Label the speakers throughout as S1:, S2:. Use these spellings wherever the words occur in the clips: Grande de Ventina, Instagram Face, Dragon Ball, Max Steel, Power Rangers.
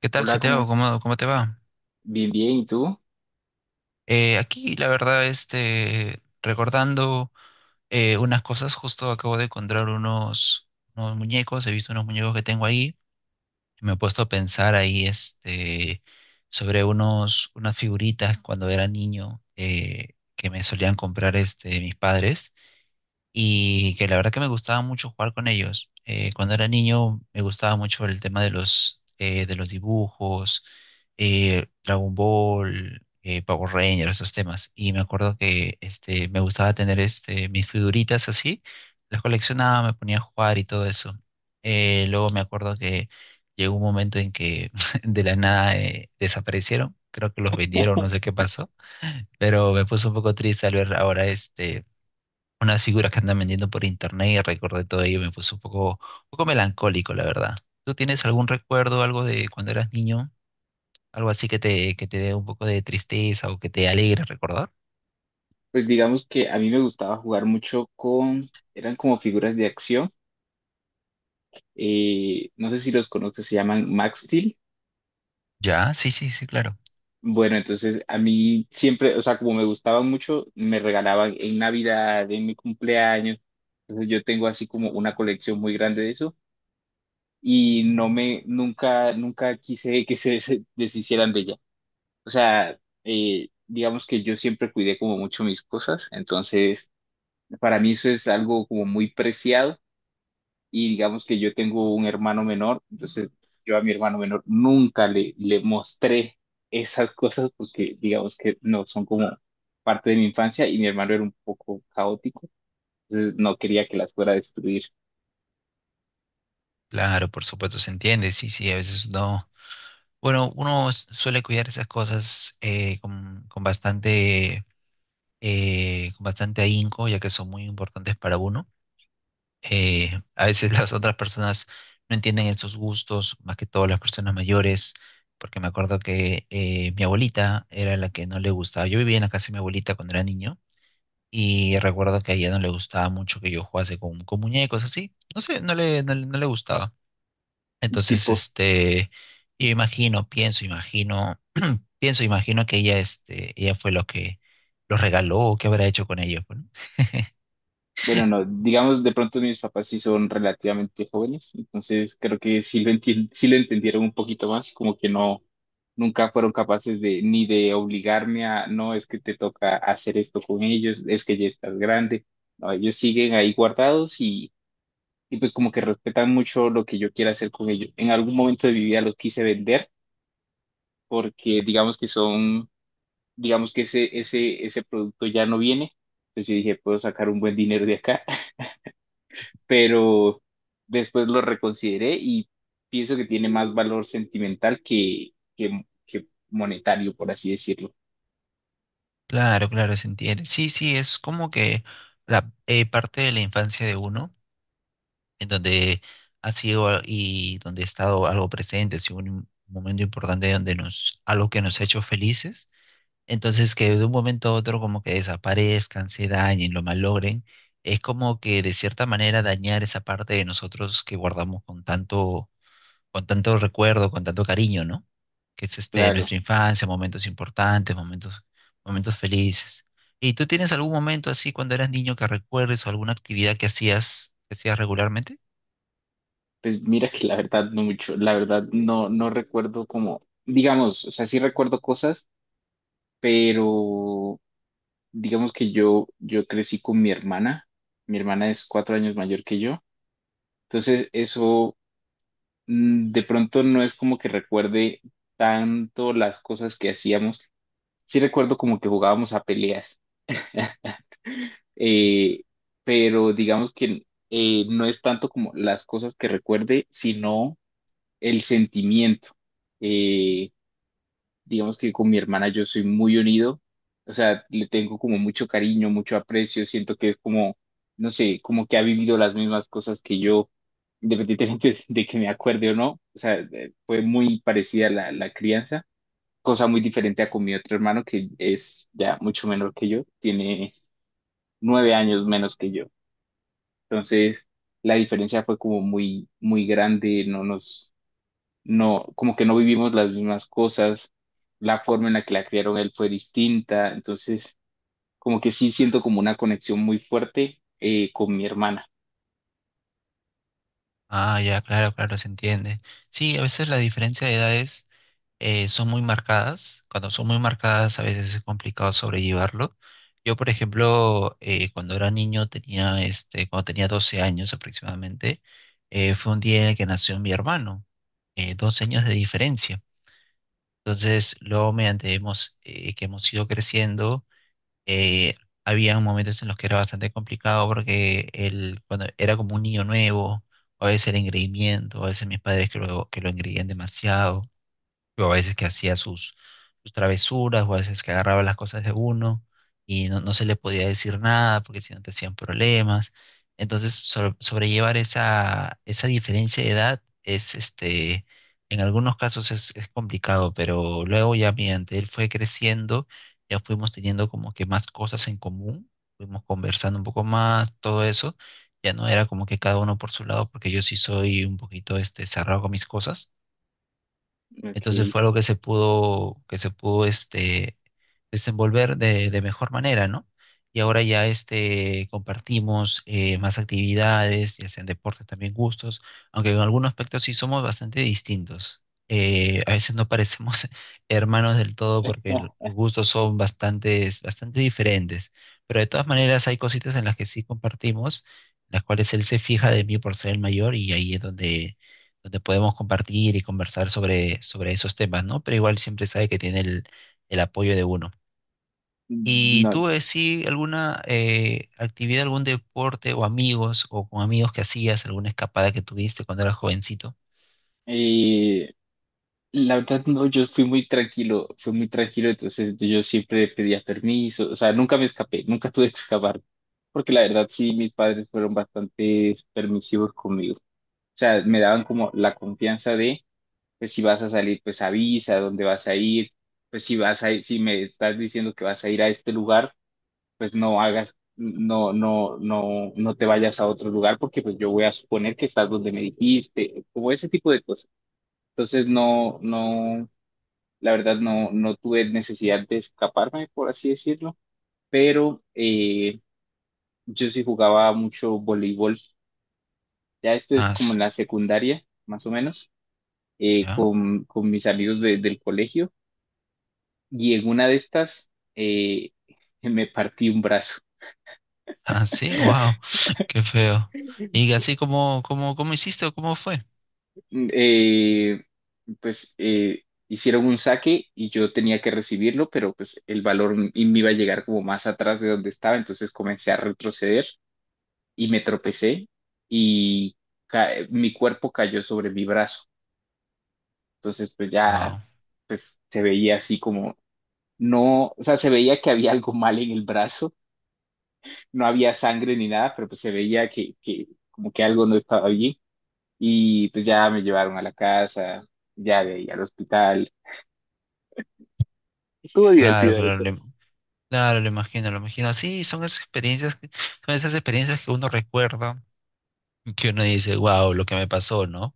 S1: ¿Qué tal,
S2: Hola, ¿cómo?
S1: Santiago? ¿Cómo te va?
S2: Bien, bien, ¿y tú?
S1: Aquí, la verdad, este, recordando unas cosas, justo acabo de encontrar unos muñecos, he visto unos muñecos que tengo ahí, y me he puesto a pensar ahí, este, sobre unas figuritas cuando era niño que me solían comprar, este, mis padres. Y que la verdad que me gustaba mucho jugar con ellos. Cuando era niño me gustaba mucho el tema de los dibujos, Dragon Ball, Power Rangers, esos temas. Y me acuerdo que este, me gustaba tener este, mis figuritas así, las coleccionaba, me ponía a jugar y todo eso. Luego me acuerdo que llegó un momento en que de la nada desaparecieron. Creo que los vendieron, no sé qué pasó, pero me puso un poco triste al ver ahora este, unas figuras que andan vendiendo por internet y recordé todo ello, me puso un poco melancólico, la verdad. ¿Tú tienes algún recuerdo, algo de cuando eras niño? Algo así que te dé un poco de tristeza o que te alegre recordar.
S2: Pues digamos que a mí me gustaba jugar mucho con, eran como figuras de acción, no sé si los conoces, se llaman Max Steel.
S1: Ya, sí, sí, sí, claro.
S2: Bueno, entonces a mí siempre, o sea, como me gustaban mucho, me regalaban en Navidad, en mi cumpleaños, entonces yo tengo así como una colección muy grande de eso y no me, nunca, nunca quise que se deshicieran de ella. O sea, digamos que yo siempre cuidé como mucho mis cosas, entonces para mí eso es algo como muy preciado y digamos que yo tengo un hermano menor, entonces yo a mi hermano menor nunca le, le mostré esas cosas porque digamos que no son como parte de mi infancia y mi hermano era un poco caótico, entonces no quería que las fuera a destruir,
S1: Claro, por supuesto, se entiende, sí, sí, a veces no. Bueno, uno suele cuidar esas cosas con bastante ahínco, ya que son muy importantes para uno. Eh, a veces las otras personas no entienden estos gustos, más que todo las personas mayores, porque me acuerdo que mi abuelita era la que no le gustaba. Yo vivía en la casa de mi abuelita cuando era niño y recuerdo que a ella no le gustaba mucho que yo jugase con muñecos así. No sé, no le gustaba. Entonces,
S2: tipo.
S1: este, yo imagino, pienso, imagino, pienso, imagino que ella, este, ella fue lo que los regaló, o qué habrá hecho con ellos, pues, ¿no?
S2: Bueno, no, digamos, de pronto mis papás sí son relativamente jóvenes, entonces creo que sí lo entendieron un poquito más, como que no, nunca fueron capaces de, ni de obligarme a, no, es que te toca hacer esto con ellos, es que ya estás grande. No, ellos siguen ahí guardados y pues como que respetan mucho lo que yo quiera hacer con ellos. En algún momento de mi vida los quise vender porque digamos que son, digamos que ese producto ya no viene, entonces yo dije, puedo sacar un buen dinero de acá. Pero después lo reconsideré y pienso que tiene más valor sentimental que monetario, por así decirlo.
S1: Claro, claro, se entiende. Sí, sí, es como que la parte de la infancia de uno, en donde ha sido y donde ha estado algo presente, ha sido un momento importante algo que nos ha hecho felices. Entonces, que de un momento a otro como que desaparezcan, se dañen, lo malogren, es como que de cierta manera dañar esa parte de nosotros que guardamos con tanto recuerdo, con tanto cariño, ¿no? Que es este,
S2: Claro,
S1: nuestra infancia, momentos importantes, momentos felices. ¿Y tú tienes algún momento así cuando eras niño que recuerdes o alguna actividad que hacías regularmente?
S2: pues mira que la verdad no mucho, la verdad no, no recuerdo como, digamos, o sea, sí recuerdo cosas, pero digamos que yo crecí con mi hermana es 4 años mayor que yo, entonces eso, de pronto no es como que recuerde tanto las cosas que hacíamos, sí recuerdo como que jugábamos a peleas.
S1: Ujú.
S2: Eh, pero digamos que no es tanto como las cosas que recuerde, sino el sentimiento. Eh, digamos que con mi hermana yo soy muy unido, o sea, le tengo como mucho cariño, mucho aprecio, siento que es como, no sé, como que ha vivido las mismas cosas que yo, independientemente de que me acuerde o no, o sea, fue muy parecida la, la crianza, cosa muy diferente a con mi otro hermano que es ya mucho menor que yo, tiene 9 años menos que yo. Entonces, la diferencia fue como muy, muy grande, no nos, no, como que no vivimos las mismas cosas, la forma en la que la criaron él fue distinta, entonces, como que sí siento como una conexión muy fuerte con mi hermana.
S1: Ah, ya, claro, claro, se entiende. Sí, a veces la diferencia de edades son muy marcadas. Cuando son muy marcadas, a veces es complicado sobrellevarlo. Yo, por ejemplo, cuando era niño, tenía este, cuando tenía 12 años aproximadamente, fue un día en el que nació mi hermano, 12 años de diferencia. Entonces, luego, mediante que hemos ido creciendo, eh, había momentos en los que era bastante complicado porque él, cuando era como un niño nuevo, a veces era engreimiento, a veces mis padres que lo, engreían demasiado. Yo a veces que hacía sus travesuras, o a veces que agarraba las cosas de uno y no se le podía decir nada porque si no te hacían problemas. Entonces, sobrellevar esa, diferencia de edad este, en algunos casos es complicado, pero luego ya mediante él fue creciendo, ya fuimos teniendo como que más cosas en común, fuimos conversando un poco más, todo eso. Ya no era como que cada uno por su lado, porque yo sí soy un poquito, este, cerrado con mis cosas. Entonces
S2: Ok.
S1: fue algo que se pudo este, desenvolver de mejor manera, ¿no? Y ahora ya este, compartimos más actividades, ya sean deportes, también gustos, aunque en algunos aspectos sí somos bastante distintos. A veces no parecemos hermanos del todo porque los
S2: Ah,
S1: gustos son bastante, bastante diferentes, pero de todas maneras hay cositas en las que sí compartimos, las cuales él se fija de mí por ser el mayor y ahí es donde podemos compartir y conversar sobre, esos temas, ¿no? Pero igual siempre sabe que tiene el apoyo de uno. ¿Y
S2: no.
S1: tú, sí, alguna actividad, algún deporte o amigos o con amigos que hacías, alguna escapada que tuviste cuando eras jovencito?
S2: Eh, la verdad, no, yo fui muy tranquilo, entonces yo siempre pedía permiso, o sea, nunca me escapé, nunca tuve que escapar, porque la verdad sí, mis padres fueron bastante permisivos conmigo. O sea, me daban como la confianza de, pues si vas a salir, pues avisa dónde vas a ir, pues si vas a ir, si me estás diciendo que vas a ir a este lugar, pues no hagas, no, no, no, no te vayas a otro lugar porque pues yo voy a suponer que estás donde me dijiste, como ese tipo de cosas. Entonces no, no, la verdad no, no tuve necesidad de escaparme, por así decirlo, pero yo sí jugaba mucho voleibol. Ya esto es
S1: Ah,
S2: como en
S1: sí,
S2: la secundaria, más o menos
S1: ya.
S2: con mis amigos del colegio y en una de estas eh, me partí un brazo.
S1: Ah, sí, wow, qué feo. Y así cómo hiciste o cómo fue.
S2: Mm, Eh, pues hicieron un saque y yo tenía que recibirlo, pero pues el balón y me iba a llegar como más atrás de donde estaba, entonces comencé a retroceder y me tropecé y mi cuerpo cayó sobre mi brazo. Entonces pues ya
S1: Wow,
S2: pues se veía así como no, o sea, se veía que había algo mal en el brazo, no había sangre ni nada, pero pues se veía que como que algo no estaba allí y pues ya me llevaron a la casa, ya de ahí al hospital.
S1: claro, claro, claro, lo imagino, lo imagino. Sí, son esas experiencias, son esas experiencias que uno recuerda. Que uno dice, wow, lo que me pasó, ¿no?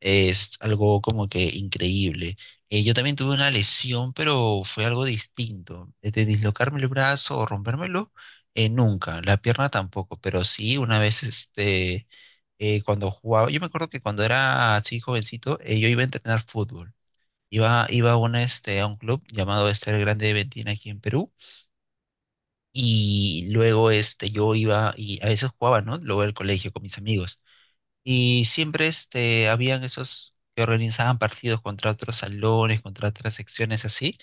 S1: Es algo como que increíble. Yo también tuve una lesión, pero fue algo distinto. De dislocarme el brazo o rompérmelo, nunca. La pierna tampoco, pero sí, una vez este, cuando jugaba, yo me acuerdo que cuando era así jovencito, yo iba a entrenar fútbol. Iba este, a un club llamado este el Grande de Ventina aquí en Perú. Y luego este, yo iba y a veces jugaba, ¿no? Luego del colegio con mis amigos. Y siempre este, habían esos que organizaban partidos contra otros salones, contra otras secciones así.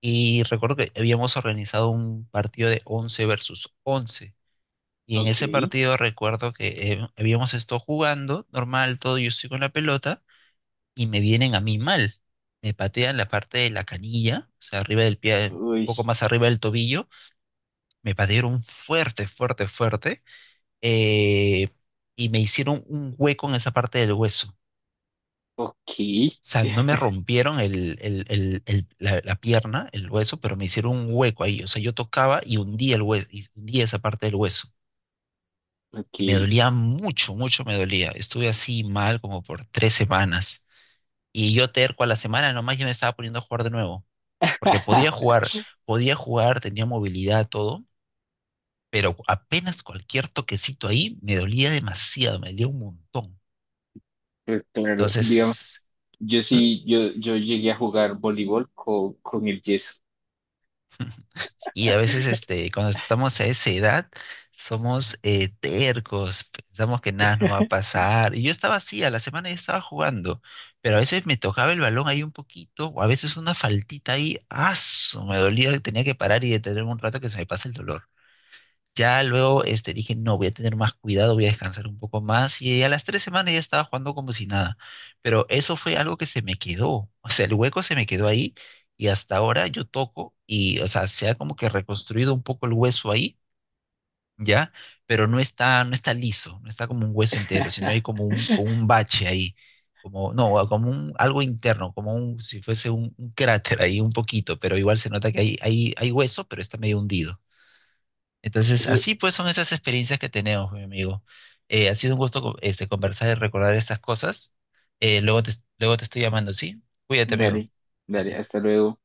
S1: Y recuerdo que habíamos organizado un partido de 11 versus 11. Y en
S2: Ok,
S1: ese partido recuerdo que habíamos estado jugando normal, todo, yo estoy con la pelota y me vienen a mí mal. Me patean la parte de la canilla, o sea, arriba del pie, un
S2: uy,
S1: poco más arriba del tobillo. Me patearon fuerte, fuerte, fuerte. eh, y me hicieron un hueco en esa parte del hueso.
S2: ok,
S1: Sea, no me rompieron la pierna, el hueso, pero me hicieron un hueco ahí. O sea, yo tocaba y hundía el hueso, y hundía esa parte del hueso. Y me
S2: ok.
S1: dolía mucho, mucho me dolía. Estuve así mal como por 3 semanas. Y yo terco a la semana nomás yo me estaba poniendo a jugar de nuevo. Porque podía jugar, tenía movilidad, todo, pero apenas cualquier toquecito ahí me dolía demasiado, me dolía un montón.
S2: Pues claro, digamos,
S1: Entonces,
S2: yo
S1: ¿Mm?
S2: sí, yo llegué a jugar voleibol con el yeso.
S1: Y a veces, este, cuando estamos a esa edad, somos tercos, pensamos que nada nos va a pasar. Y yo estaba así, a la semana yo estaba jugando, pero a veces me tocaba el balón ahí un poquito, o a veces una faltita ahí, ¡aso! Me dolía, tenía que parar y detenerme un rato que se me pase el dolor. Ya luego este, dije, no, voy a tener más cuidado, voy a descansar un poco más. Y a las 3 semanas ya estaba jugando como si nada. Pero eso fue algo que se me quedó. O sea, el hueco se me quedó ahí y hasta ahora yo toco y, o sea, se ha como que reconstruido un poco el hueso ahí, ¿ya? Pero no está liso, no está como un hueso entero, sino hay como un, como un bache ahí. Como, no, como un, algo interno, como un, si fuese un cráter ahí un poquito, pero igual se nota que hay hueso, pero está medio hundido. Entonces,
S2: Eso,
S1: así pues son esas experiencias que tenemos, mi amigo. Ha sido un gusto este, conversar y recordar estas cosas. Eh, luego te, luego te estoy llamando, ¿sí? Cuídate, amigo.
S2: dale, dale,
S1: Dale.
S2: hasta luego.